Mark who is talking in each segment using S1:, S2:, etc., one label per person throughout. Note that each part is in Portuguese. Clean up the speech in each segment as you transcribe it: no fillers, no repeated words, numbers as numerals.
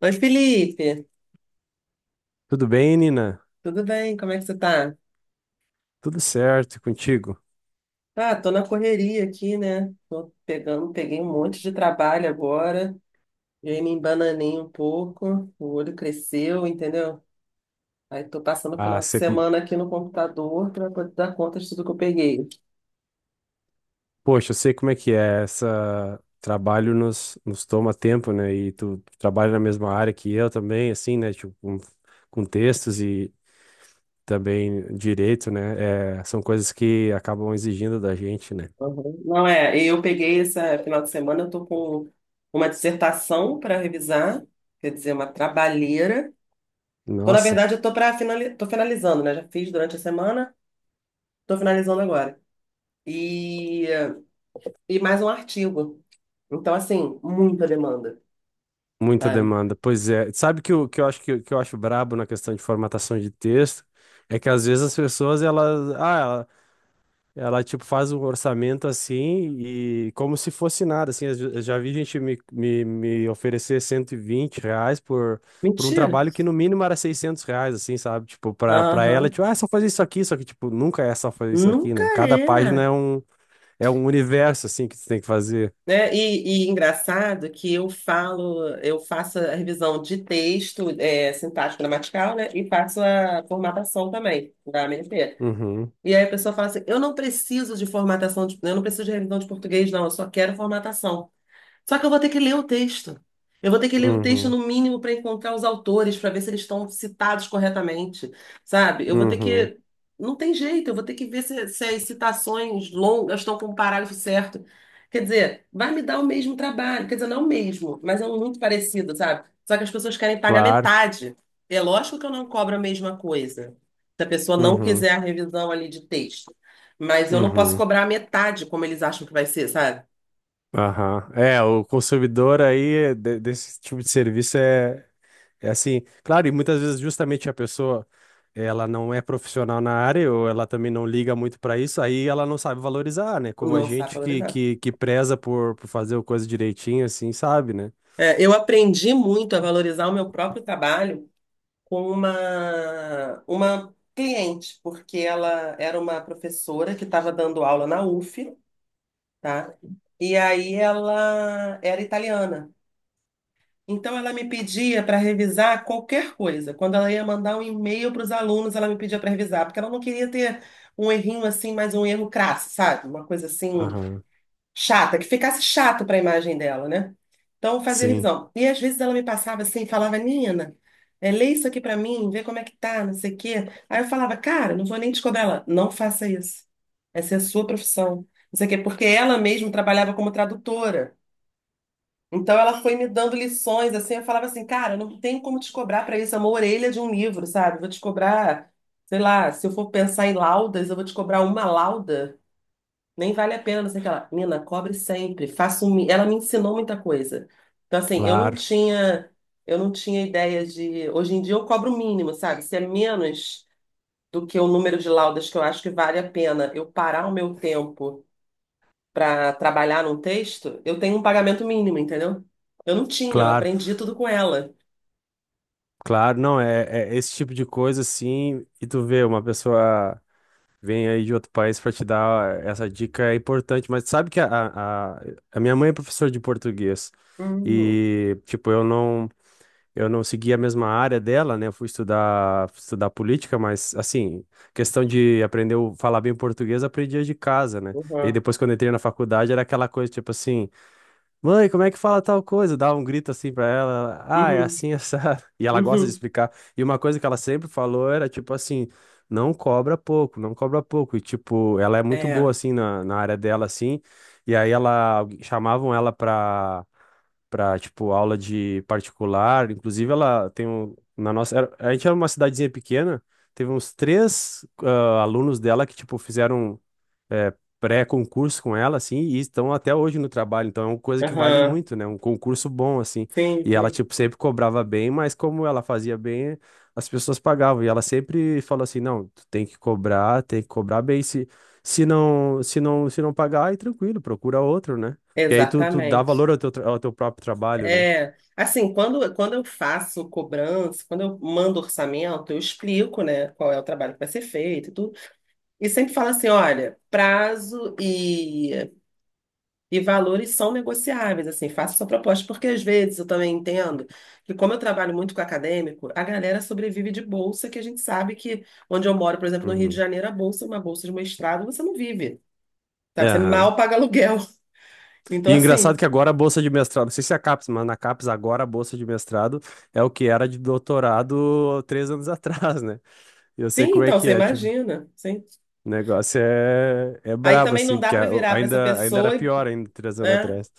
S1: Oi, Felipe,
S2: Tudo bem, Nina?
S1: tudo bem? Como é que você tá?
S2: Tudo certo e contigo?
S1: Ah, tô na correria aqui, né? Tô pegando, peguei um monte de trabalho agora, e aí me embananei um pouco, o olho cresceu, entendeu? Aí tô passando o
S2: Ah,
S1: final de
S2: sei com-
S1: semana aqui no computador para poder dar conta de tudo que eu peguei.
S2: Poxa, eu sei como é que é. Essa trabalho nos toma tempo, né? E tu trabalha na mesma área que eu também, assim, né? Tipo, com textos e também direito, né? É, são coisas que acabam exigindo da gente, né?
S1: Uhum. Não é, eu peguei esse final de semana, eu tô com uma dissertação para revisar, quer dizer, uma trabalheira. Tô, na
S2: Nossa,
S1: verdade, eu tô tô finalizando, né? Já fiz durante a semana, tô finalizando agora. E e mais um artigo. Então, assim, muita demanda,
S2: muita
S1: sabe?
S2: demanda. Pois é. Sabe que o que eu acho brabo na questão de formatação de texto é que às vezes as pessoas elas, tipo, faz um orçamento assim e como se fosse nada, assim. Eu já vi gente me oferecer 120 reais por um
S1: Mentira.
S2: trabalho que no mínimo era 600 reais, assim, sabe? Tipo, pra ela,
S1: Aham.
S2: tipo, ah, é só fazer isso aqui, só que, tipo, nunca é só fazer isso aqui,
S1: Nunca
S2: né? Cada página
S1: é.
S2: é um, É um universo, assim, que você tem que fazer.
S1: Né? E engraçado que eu falo, eu faço a revisão de texto, sintático gramatical, né? E faço a formatação também, da AMP.
S2: Uhum,
S1: E aí a pessoa fala assim, eu não preciso de formatação, eu não preciso de revisão de português, não, eu só quero formatação. Só que eu vou ter que ler o texto. Eu vou ter que ler o texto
S2: uhum,
S1: no mínimo para encontrar os autores, para ver se eles estão citados corretamente, sabe? Eu vou ter
S2: uhum,
S1: que. Não tem jeito, eu vou ter que ver se as citações longas estão com o parágrafo certo. Quer dizer, vai me dar o mesmo trabalho. Quer dizer, não o mesmo, mas é um muito parecido, sabe? Só que as pessoas querem pagar
S2: claro.
S1: metade. É lógico que eu não cobro a mesma coisa. Se a pessoa não
S2: Uhum,
S1: quiser a revisão ali de texto. Mas eu não posso
S2: uhum,
S1: cobrar a metade como eles acham que vai ser, sabe?
S2: aham. É, o consumidor aí desse tipo de serviço é, é assim, claro, e muitas vezes justamente a pessoa, ela não é profissional na área ou ela também não liga muito para isso, aí ela não sabe valorizar, né? Como a
S1: Não sabe
S2: gente
S1: valorizar.
S2: que preza por fazer a coisa direitinho, assim, sabe, né?
S1: É, eu aprendi muito a valorizar o meu próprio trabalho com uma cliente, porque ela era uma professora que estava dando aula na UF, tá? E aí ela era italiana. Então ela me pedia para revisar qualquer coisa. Quando ela ia mandar um e-mail para os alunos, ela me pedia para revisar, porque ela não queria ter um errinho assim, mas um erro crasso, sabe? Uma coisa assim
S2: Aham,
S1: chata, que ficasse chato para a imagem dela, né? Então, eu fazia
S2: sim,
S1: revisão. E às vezes ela me passava assim, falava, Nina, lê isso aqui para mim, vê como é que tá, não sei o quê. Aí eu falava, cara, não vou nem te cobrar ela, não faça isso. Essa é a sua profissão. Não sei o quê, porque ela mesma trabalhava como tradutora. Então ela foi me dando lições, assim, eu falava assim, cara, eu não tenho como te cobrar para isso, é uma orelha de um livro, sabe? Vou te cobrar, sei lá, se eu for pensar em laudas, eu vou te cobrar uma lauda nem vale a pena, não sei o que lá. Mina, cobre sempre. Ela me ensinou muita coisa. Então, assim,
S2: claro,
S1: eu não tinha ideia de. Hoje em dia eu cobro o mínimo, sabe? Se é menos do que o número de laudas que eu acho que vale a pena eu parar o meu tempo para trabalhar num texto, eu tenho um pagamento mínimo, entendeu? Eu não tinha, eu
S2: claro,
S1: aprendi tudo com ela.
S2: claro, não, é, é esse tipo de coisa, assim, e tu vê, uma pessoa vem aí de outro país para te dar essa dica é importante, mas sabe que a a minha mãe é professora de português
S1: Hum,
S2: e, tipo, eu não... Eu não segui a mesma área dela, né? Fui estudar política, mas, assim, questão de aprender a falar bem português, eu aprendia de casa, né? E aí
S1: uhum,
S2: depois, quando eu entrei na faculdade, era aquela coisa, tipo assim, mãe, como é que fala tal coisa? Eu dava um grito assim pra ela, ela, ah, é
S1: uhum,
S2: assim, essa. E ela gosta de
S1: uhum.
S2: explicar. E uma coisa que ela sempre falou era, tipo assim, não cobra pouco, não cobra pouco. E, tipo, ela é muito
S1: É.
S2: boa, assim, na área dela, assim. E aí ela, chamavam ela pra para tipo aula de particular. Inclusive ela tem um, a gente era uma cidadezinha pequena, teve uns três alunos dela que tipo fizeram é, pré-concurso com ela, assim, e estão até hoje no trabalho. Então é uma coisa que vale
S1: Aham.
S2: muito, né? Um concurso bom, assim.
S1: Sim,
S2: E ela,
S1: sim.
S2: tipo, sempre cobrava bem, mas como ela fazia bem, as pessoas pagavam. E ela sempre falou assim: não, tu tem que cobrar bem. Se não pagar, aí tranquilo, procura outro, né? Que aí tu dá
S1: Exatamente.
S2: valor ao ao teu próprio trabalho, né?
S1: É, assim, quando eu faço cobrança, quando eu mando orçamento, eu explico, né, qual é o trabalho que vai ser feito e tudo. E sempre falo assim, olha, prazo e valores são negociáveis, assim, faça sua proposta, porque às vezes eu também entendo que como eu trabalho muito com acadêmico, a galera sobrevive de bolsa, que a gente sabe que onde eu moro, por exemplo, no Rio de
S2: Uhum.
S1: Janeiro, a bolsa, é uma bolsa de mestrado, você não vive, sabe? Você
S2: Aham.
S1: mal paga aluguel. Então,
S2: E
S1: assim,
S2: engraçado que agora a bolsa de mestrado, não sei se é a CAPES, mas na CAPES agora a bolsa de mestrado é o que era de doutorado três anos atrás, né? Eu sei
S1: sim,
S2: como é
S1: então,
S2: que
S1: você
S2: é, tipo,
S1: imagina, sim.
S2: o negócio é, é
S1: Aí
S2: brabo,
S1: também
S2: assim,
S1: não dá
S2: porque
S1: para virar para essa
S2: ainda era
S1: pessoa,
S2: pior ainda três anos
S1: né?
S2: atrás.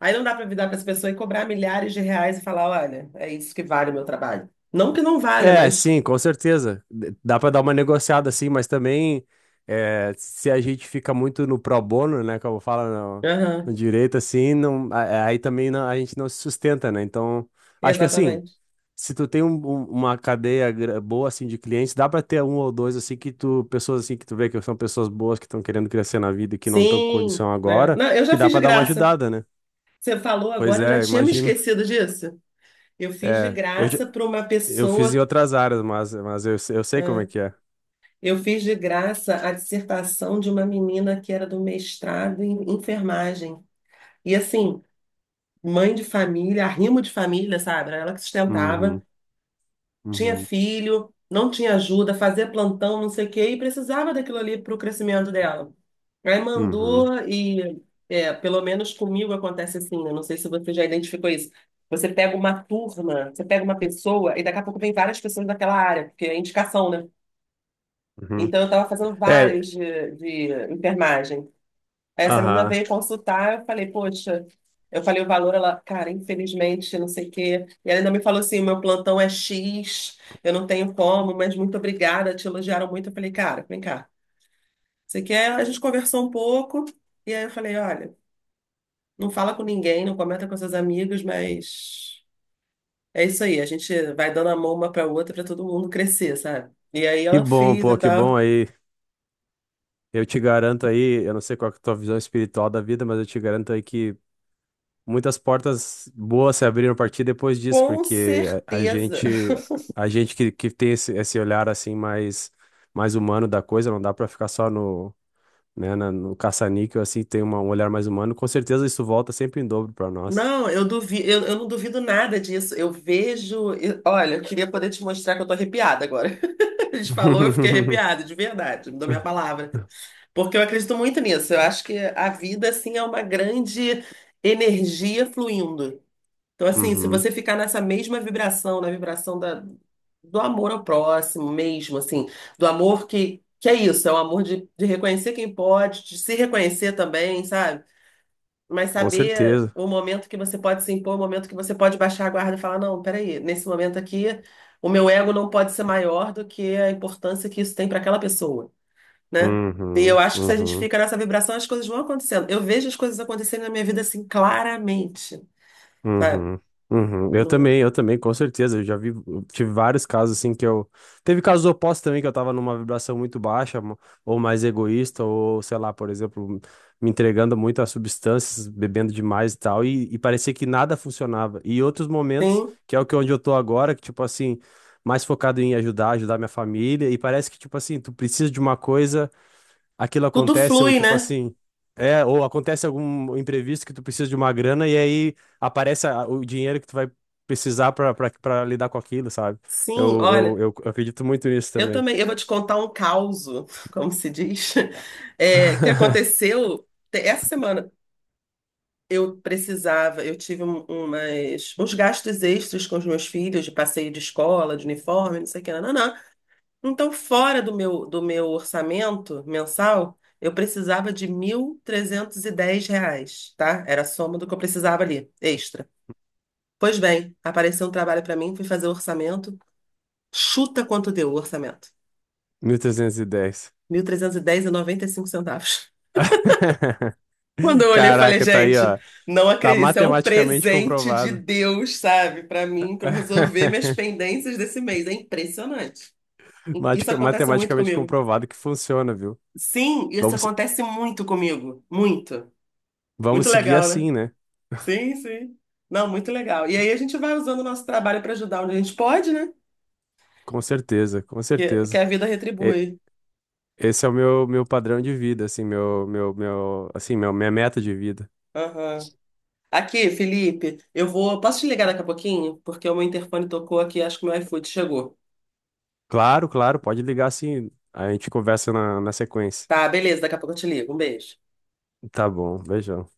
S1: Aí não dá para virar para essa pessoa e cobrar milhares de reais e falar, olha, é isso que vale o meu trabalho. Não que não valha,
S2: É,
S1: mas
S2: sim, com certeza. Dá pra dar uma negociada, assim, mas também é, se a gente fica muito no pro bono, né, como fala
S1: aham,
S2: no direito, assim, não, aí também a gente não se sustenta, né? Então, acho que assim.
S1: exatamente.
S2: Se tu tem uma cadeia boa assim de clientes, dá pra ter um ou dois assim que tu, pessoas assim que tu vê que são pessoas boas que estão querendo crescer na vida e que não estão com
S1: Sim,
S2: condição
S1: né?
S2: agora,
S1: Não, eu já
S2: que dá
S1: fiz de
S2: pra dar uma
S1: graça.
S2: ajudada, né?
S1: Você falou
S2: Pois
S1: agora, eu já
S2: é,
S1: tinha me
S2: imagino.
S1: esquecido disso. Eu fiz de
S2: É,
S1: graça para uma
S2: eu fiz em
S1: pessoa,
S2: outras áreas, mas eu, eu sei como é
S1: né?
S2: que é.
S1: Eu fiz de graça a dissertação de uma menina que era do mestrado em enfermagem. E assim, mãe de família, arrimo de família, sabe? Era ela que sustentava.
S2: Uhum,
S1: Tinha
S2: uhum,
S1: filho, não tinha ajuda, fazia plantão, não sei o quê, e precisava daquilo ali para o crescimento dela. Aí
S2: uhum,
S1: mandou e, é, pelo menos comigo acontece assim, né? Não sei se você já identificou isso. Você pega uma turma, você pega uma pessoa e daqui a pouco vem várias pessoas daquela área, porque é indicação, né?
S2: uhum.
S1: Então eu estava fazendo
S2: É,
S1: vários de enfermagem. Aí essa menina
S2: aham.
S1: veio consultar, eu falei, poxa, eu falei o valor, ela, cara, infelizmente, não sei o quê. E ela ainda me falou assim, o meu plantão é X, eu não tenho como, mas muito obrigada, te elogiaram muito. Eu falei, cara, vem cá, você quer? A gente conversou um pouco, e aí eu falei, olha, não fala com ninguém, não comenta com seus amigos, mas é isso aí, a gente vai dando a mão uma pra outra pra todo mundo crescer, sabe? E aí
S2: Que
S1: ela
S2: bom,
S1: fez e
S2: pô, que bom
S1: tal.
S2: aí. Eu te garanto aí, eu não sei qual que é a tua visão espiritual da vida, mas eu te garanto aí que muitas portas boas se abriram para ti depois disso,
S1: Com
S2: porque
S1: certeza.
S2: a gente que tem esse olhar assim mais humano da coisa, não dá para ficar só no, né, no caça-níquel assim, tem um olhar mais humano, com certeza isso volta sempre em dobro para nós.
S1: Não, eu duvido, eu não duvido nada disso. Olha, eu queria poder te mostrar que eu tô arrepiada agora. A gente falou, eu fiquei arrepiada, de verdade, não dou minha palavra. Porque eu acredito muito nisso. Eu acho que a vida, assim, é uma grande energia fluindo. Então, assim, se
S2: Uhum,
S1: você ficar nessa mesma vibração, na vibração da, do amor ao próximo mesmo, assim, do amor que é isso, é o amor de reconhecer quem pode, de se reconhecer também, sabe? Mas
S2: com
S1: saber
S2: certeza.
S1: o momento que você pode se impor, o momento que você pode baixar a guarda e falar, não, peraí, nesse momento aqui, o meu ego não pode ser maior do que a importância que isso tem para aquela pessoa, né? E eu
S2: Uhum,
S1: acho que se a gente
S2: uhum.
S1: fica nessa vibração, as coisas vão acontecendo. Eu vejo as coisas acontecendo na minha vida assim claramente, sabe?
S2: Uhum, uhum.
S1: Não
S2: Eu também, com certeza. Eu já vi, eu tive vários casos assim que eu. Teve casos opostos também, que eu tava numa vibração muito baixa, ou mais egoísta, ou sei lá, por exemplo, me entregando muito a substâncias, bebendo demais e tal, e parecia que nada funcionava. E outros momentos,
S1: tem,
S2: que é o que onde eu tô agora, que tipo assim, mais focado em ajudar, ajudar minha família, e parece que tipo assim, tu precisa de uma coisa aquilo
S1: tudo
S2: acontece, ou
S1: flui,
S2: tipo
S1: né?
S2: assim, é, ou acontece algum imprevisto que tu precisa de uma grana e aí aparece o dinheiro que tu vai precisar pra lidar com aquilo, sabe?
S1: Sim, olha,
S2: Eu acredito muito nisso
S1: eu
S2: também.
S1: também, eu vou te contar um causo, como se diz, que aconteceu essa semana. Eu precisava, eu tive uns gastos extras com os meus filhos, de passeio de escola, de uniforme, não sei o que, não, não. Então, fora do meu orçamento mensal, eu precisava de R$ 1.310, tá? Era a soma do que eu precisava ali, extra. Pois bem, apareceu um trabalho para mim, fui fazer o orçamento. Chuta quanto deu o orçamento?
S2: 1.310.
S1: Mil trezentos e dez noventa e cinco centavos. Quando eu olhei, eu falei,
S2: Caraca, tá aí,
S1: gente,
S2: ó.
S1: não
S2: Tá
S1: acredito, isso é um
S2: matematicamente
S1: presente de
S2: comprovado.
S1: Deus, sabe, pra mim, pra eu resolver minhas pendências desse mês. É impressionante. Isso acontece muito
S2: Matematicamente
S1: comigo.
S2: comprovado que funciona, viu?
S1: Sim, isso
S2: Vamos, se-
S1: acontece muito comigo. Muito.
S2: Vamos
S1: Muito
S2: seguir
S1: legal, né?
S2: assim, né?
S1: Sim, sim. Não, muito legal. E aí a gente vai usando o nosso trabalho para ajudar onde a gente pode, né?
S2: Com certeza, com
S1: Que
S2: certeza.
S1: a vida retribui.
S2: Esse é o meu padrão de vida, assim, minha meta de vida.
S1: Aham. Aqui, Felipe, eu vou. Posso te ligar daqui a pouquinho? Porque o meu interfone tocou aqui, acho que o meu iFood chegou.
S2: Claro, claro, pode ligar assim, a gente conversa na sequência.
S1: Tá, beleza, daqui a pouco eu te ligo. Um beijo.
S2: Tá bom, beijão.